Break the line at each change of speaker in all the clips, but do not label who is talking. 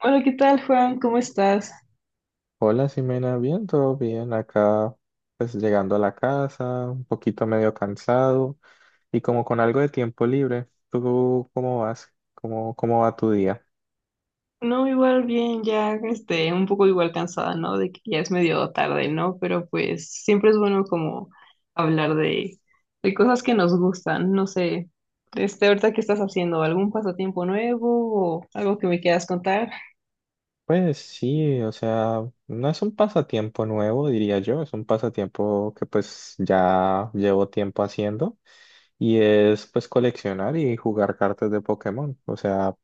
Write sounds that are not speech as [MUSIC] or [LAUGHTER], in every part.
Hola, ¿qué tal, Juan? ¿Cómo estás?
Hola, Ximena, bien, todo bien. Acá, pues llegando a la casa, un poquito medio cansado y como con algo de tiempo libre. ¿Tú cómo vas? ¿Cómo va tu día?
No, igual bien, un poco igual cansada, ¿no? De que ya es medio tarde, ¿no? Pero pues siempre es bueno como hablar de cosas que nos gustan, no sé. Este, ahorita, ¿qué estás haciendo? ¿Algún pasatiempo nuevo o algo que me quieras contar?
Pues sí, o sea, no es un pasatiempo nuevo, diría yo, es un pasatiempo que pues ya llevo tiempo haciendo y es pues coleccionar y jugar cartas de Pokémon. O sea,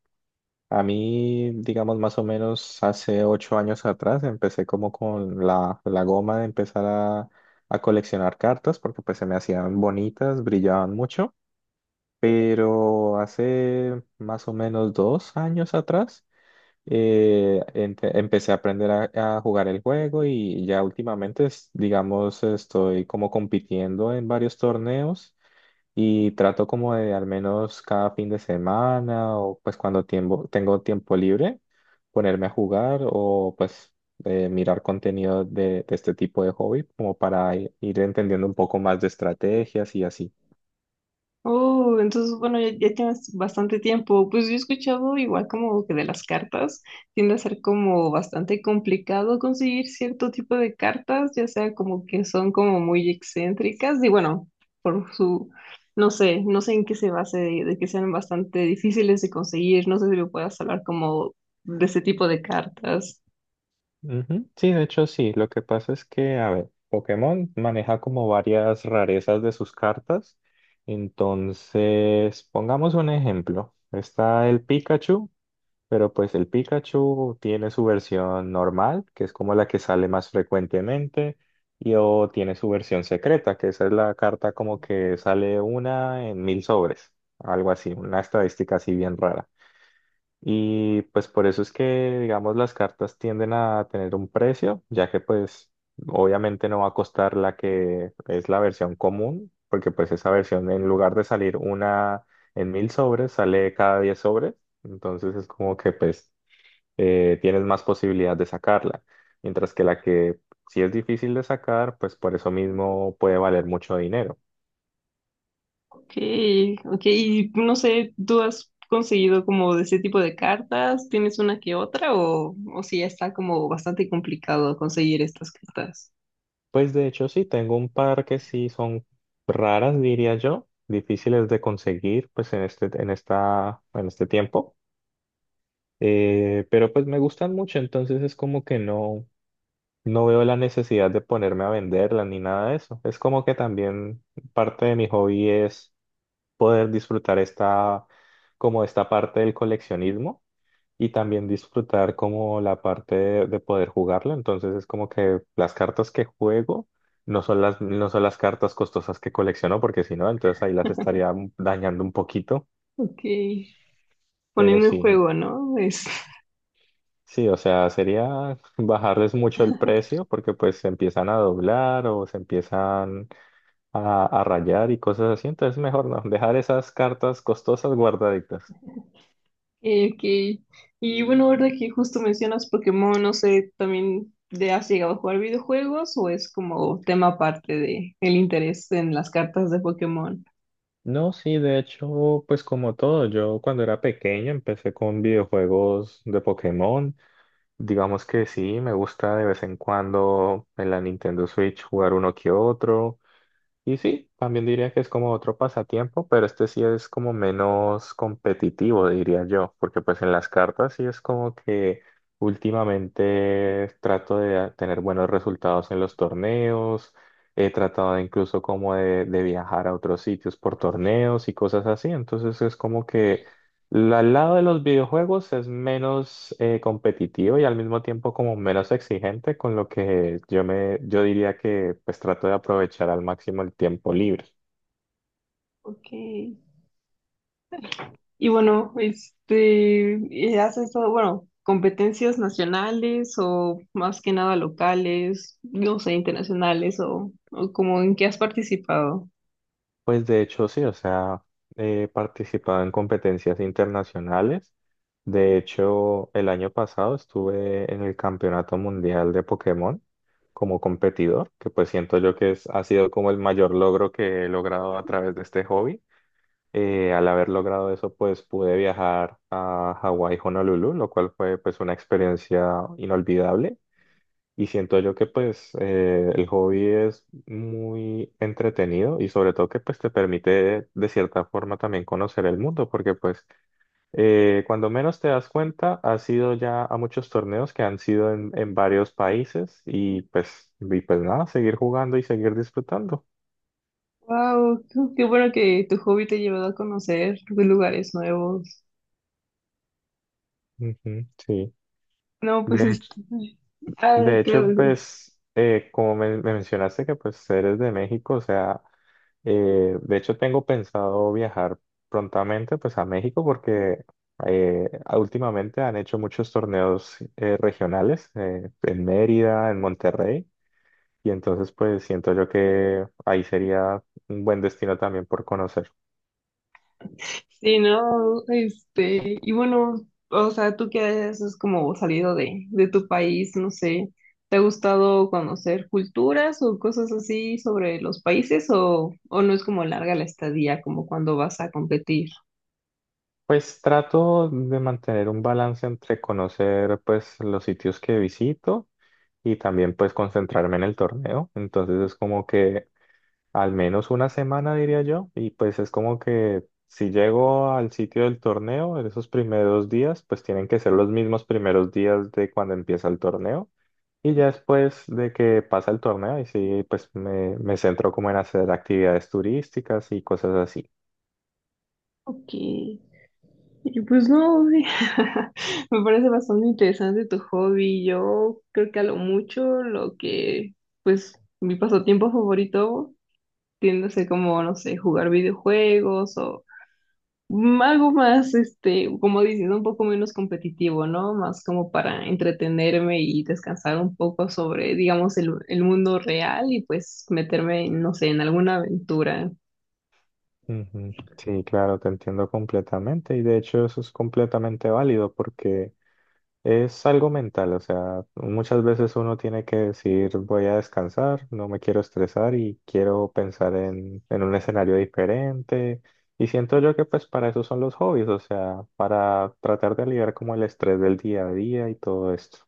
a mí, digamos, más o menos hace 8 años atrás empecé como con la goma de empezar a coleccionar cartas porque pues se me hacían bonitas, brillaban mucho, pero hace más o menos 2 años atrás empecé a aprender a jugar el juego y ya últimamente, digamos, estoy como compitiendo en varios torneos y trato como de al menos cada fin de semana o pues tengo tiempo libre ponerme a jugar o mirar contenido de este tipo de hobby como para ir entendiendo un poco más de estrategias y así.
Oh, entonces, bueno, ya tienes bastante tiempo. Pues yo he escuchado igual como que de las cartas tiende a ser como bastante complicado conseguir cierto tipo de cartas, ya sea como que son como muy excéntricas y bueno, por su, no sé, no sé en qué se base de que sean bastante difíciles de conseguir. No sé si me puedas hablar como de ese tipo de cartas.
Ujú. Sí, de hecho sí. Lo que pasa es que, a ver, Pokémon maneja como varias rarezas de sus cartas. Entonces, pongamos un ejemplo. Está el Pikachu, pero pues el Pikachu tiene su versión normal, que es como la que sale más frecuentemente, y o tiene su versión secreta, que esa es la carta como que sale 1 en 1000 sobres, algo así, una estadística así bien rara. Y pues por eso es que, digamos, las cartas tienden a tener un precio, ya que pues obviamente no va a costar la que es la versión común, porque pues esa versión en lugar de salir 1 en 1000 sobres, sale cada 10 sobres, entonces es como que tienes más posibilidad de sacarla, mientras que la que sí es difícil de sacar, pues por eso mismo puede valer mucho dinero.
Okay, okay, y no sé, ¿tú has conseguido como de ese tipo de cartas? ¿Tienes una que otra o si ya está como bastante complicado conseguir estas cartas?
Pues de hecho sí, tengo un par que sí son raras, diría yo, difíciles de conseguir pues en este tiempo. Pero pues me gustan mucho, entonces es como que no, no veo la necesidad de ponerme a venderlas ni nada de eso. Es como que también parte de mi hobby es poder disfrutar como esta parte del coleccionismo y también disfrutar como la parte de poder jugarlo. Entonces es como que las cartas que juego no son las cartas costosas que colecciono, porque si no, entonces ahí las estaría dañando un poquito.
Okay,
Pero
poniendo en
sí,
juego, ¿no? Es, [LAUGHS]
sí, o sea, sería [LAUGHS] bajarles mucho el precio porque pues se empiezan a doblar o se empiezan a rayar y cosas así. Entonces mejor no, dejar esas cartas costosas guardaditas.
ok. Y bueno, ahora que justo mencionas Pokémon, no sé, también ¿te has llegado a jugar videojuegos o es como tema aparte de el interés en las cartas de Pokémon?
No, sí, de hecho, pues como todo, yo cuando era pequeño empecé con videojuegos de Pokémon. Digamos que sí, me gusta de vez en cuando en la Nintendo Switch jugar uno que otro. Y sí, también diría que es como otro pasatiempo, pero este sí es como menos competitivo, diría yo, porque pues en las cartas sí es como que últimamente trato de tener buenos resultados en los torneos, he tratado incluso como de viajar a otros sitios por torneos y cosas así, entonces es como que al lado de los videojuegos es menos competitivo y al mismo tiempo como menos exigente, con lo que yo diría que pues trato de aprovechar al máximo el tiempo libre.
Ok. Y bueno, ¿haces todo, bueno, competencias nacionales o más que nada locales, no sé, internacionales o como en qué has participado?
Pues de hecho sí, o sea, he participado en competencias internacionales. De hecho, el año pasado estuve en el Campeonato Mundial de Pokémon como competidor, que pues siento yo que ha sido como el mayor logro que he logrado a través de este hobby. Al haber logrado eso, pues pude viajar a Hawái, Honolulu, lo cual fue pues una experiencia inolvidable. Y siento yo que el hobby es muy entretenido y sobre todo que pues te permite de cierta forma también conocer el mundo, porque cuando menos te das cuenta, has ido ya a muchos torneos que han sido en varios países y pues nada, seguir jugando y seguir disfrutando.
Wow, qué, qué bueno que tu hobby te ha llevado a conocer lugares nuevos.
Ujú, sí.
No,
De
pues
hecho.
este, ah,
De
claro,
hecho, pues, como me mencionaste que pues eres de México, o sea, de hecho tengo pensado viajar prontamente pues a México porque últimamente han hecho muchos torneos regionales en Mérida, en Monterrey, y entonces pues siento yo que ahí sería un buen destino también por conocer.
sí, no, este, y bueno, o sea, tú que has como salido de tu país, no sé, ¿te ha gustado conocer culturas o cosas así sobre los países o no es como larga la estadía como cuando vas a competir?
Pues trato de mantener un balance entre conocer pues los sitios que visito y también pues concentrarme en el torneo. Entonces es como que al menos una semana diría yo y pues es como que si llego al sitio del torneo en esos primeros días pues tienen que ser los mismos primeros días de cuando empieza el torneo y ya después de que pasa el torneo y sí pues me centro como en hacer actividades turísticas y cosas así.
Ok, y pues no, [LAUGHS] me parece bastante interesante tu hobby. Yo creo que a lo mucho lo que, pues, mi pasatiempo favorito tiende a ser como, no sé, jugar videojuegos algo más, este, como diciendo, un poco menos competitivo, ¿no? Más como para entretenerme y descansar un poco sobre, digamos, el mundo real y pues meterme, no sé, en alguna aventura.
Ujú. Sí, claro, te entiendo completamente y de hecho eso es completamente válido porque es algo mental, o sea, muchas veces uno tiene que decir voy a descansar, no me quiero estresar y quiero pensar en un escenario diferente. Y siento yo que pues para eso son los hobbies, o sea, para tratar de aliviar como el estrés del día a día y todo esto.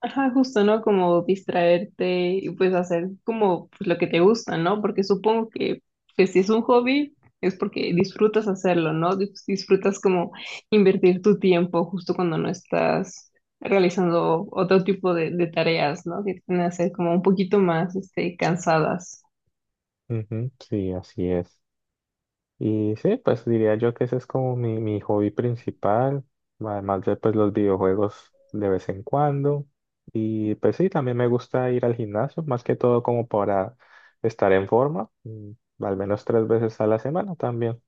Ajá, justo, ¿no? Como distraerte y pues hacer como pues, lo que te gusta, ¿no? Porque supongo que pues, si es un hobby es porque disfrutas hacerlo, ¿no? Disfrutas como invertir tu tiempo justo cuando no estás realizando otro tipo de tareas, ¿no? Que tienden a ser como un poquito más este, cansadas.
Ujú, sí, así es. Y sí, pues diría yo que ese es como mi hobby principal, además de pues los videojuegos de vez en cuando. Y pues sí, también me gusta ir al gimnasio, más que todo como para estar en forma, mm, al menos 3 veces a la semana también.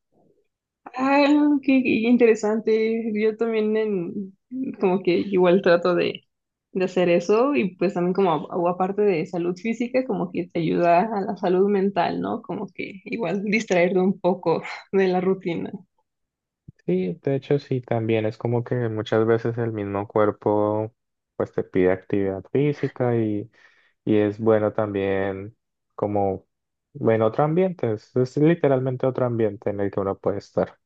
Ah, qué, qué interesante. Yo también en, como que igual trato de hacer eso y pues también como a- o aparte de salud física, como que te ayuda a la salud mental, ¿no? Como que igual distraerte un poco de la rutina.
Sí, de hecho sí, también es como que muchas veces el mismo cuerpo pues te pide actividad física y es bueno también como, bueno, otro ambiente, es literalmente otro ambiente en el que uno puede estar.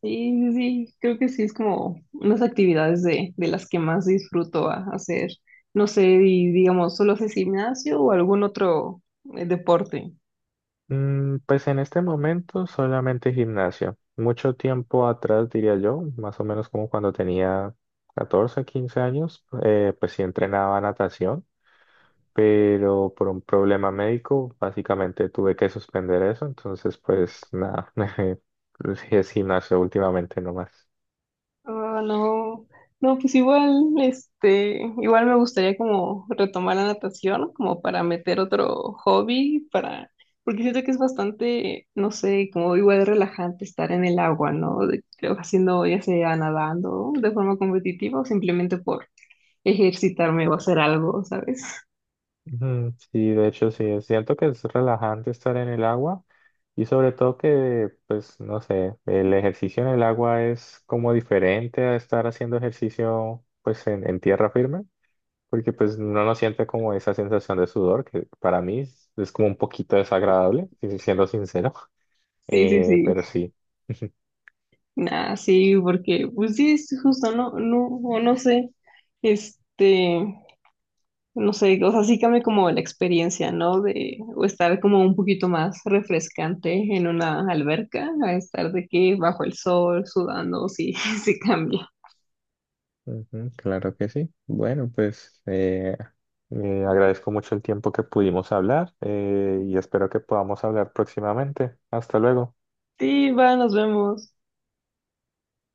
Sí, sí, sí, creo que sí es como unas actividades de las que más disfruto hacer. No sé, y digamos, ¿solo haces gimnasio o algún otro deporte?
Mm, pues en este momento solamente gimnasio. Mucho tiempo atrás, diría yo, más o menos como cuando tenía 14 15 años, pues sí entrenaba natación, pero por un problema médico básicamente tuve que suspender eso, entonces pues nada, [LAUGHS] sí es gimnasio últimamente nomás.
Ah, no, no, pues igual, este, igual me gustaría como retomar la natación, como para meter otro hobby, para, porque siento que es bastante, no sé, como igual relajante estar en el agua, ¿no? Haciendo, ya sea nadando de forma competitiva o simplemente por ejercitarme o hacer algo, ¿sabes?
Ujú, sí, de hecho sí, es cierto que es relajante estar en el agua y sobre todo que, pues, no sé, el ejercicio en el agua es como diferente a estar haciendo ejercicio, pues, en tierra firme, porque pues uno no siente como esa sensación de sudor, que para mí es como un poquito desagradable, si siendo sincero, [LAUGHS]
Sí, sí,
eh,
sí.
pero sí. [LAUGHS]
Nah, sí, porque, pues sí, es justo, no, no, o no sé, este. No sé, o sea, sí cambia como la experiencia, ¿no? De o estar como un poquito más refrescante en una alberca, a estar de que bajo el sol, sudando, sí, [LAUGHS] sí cambia.
Ujú, claro que sí. Bueno, agradezco mucho el tiempo que pudimos hablar y espero que podamos hablar próximamente. Hasta luego.
Sí, va, nos vemos.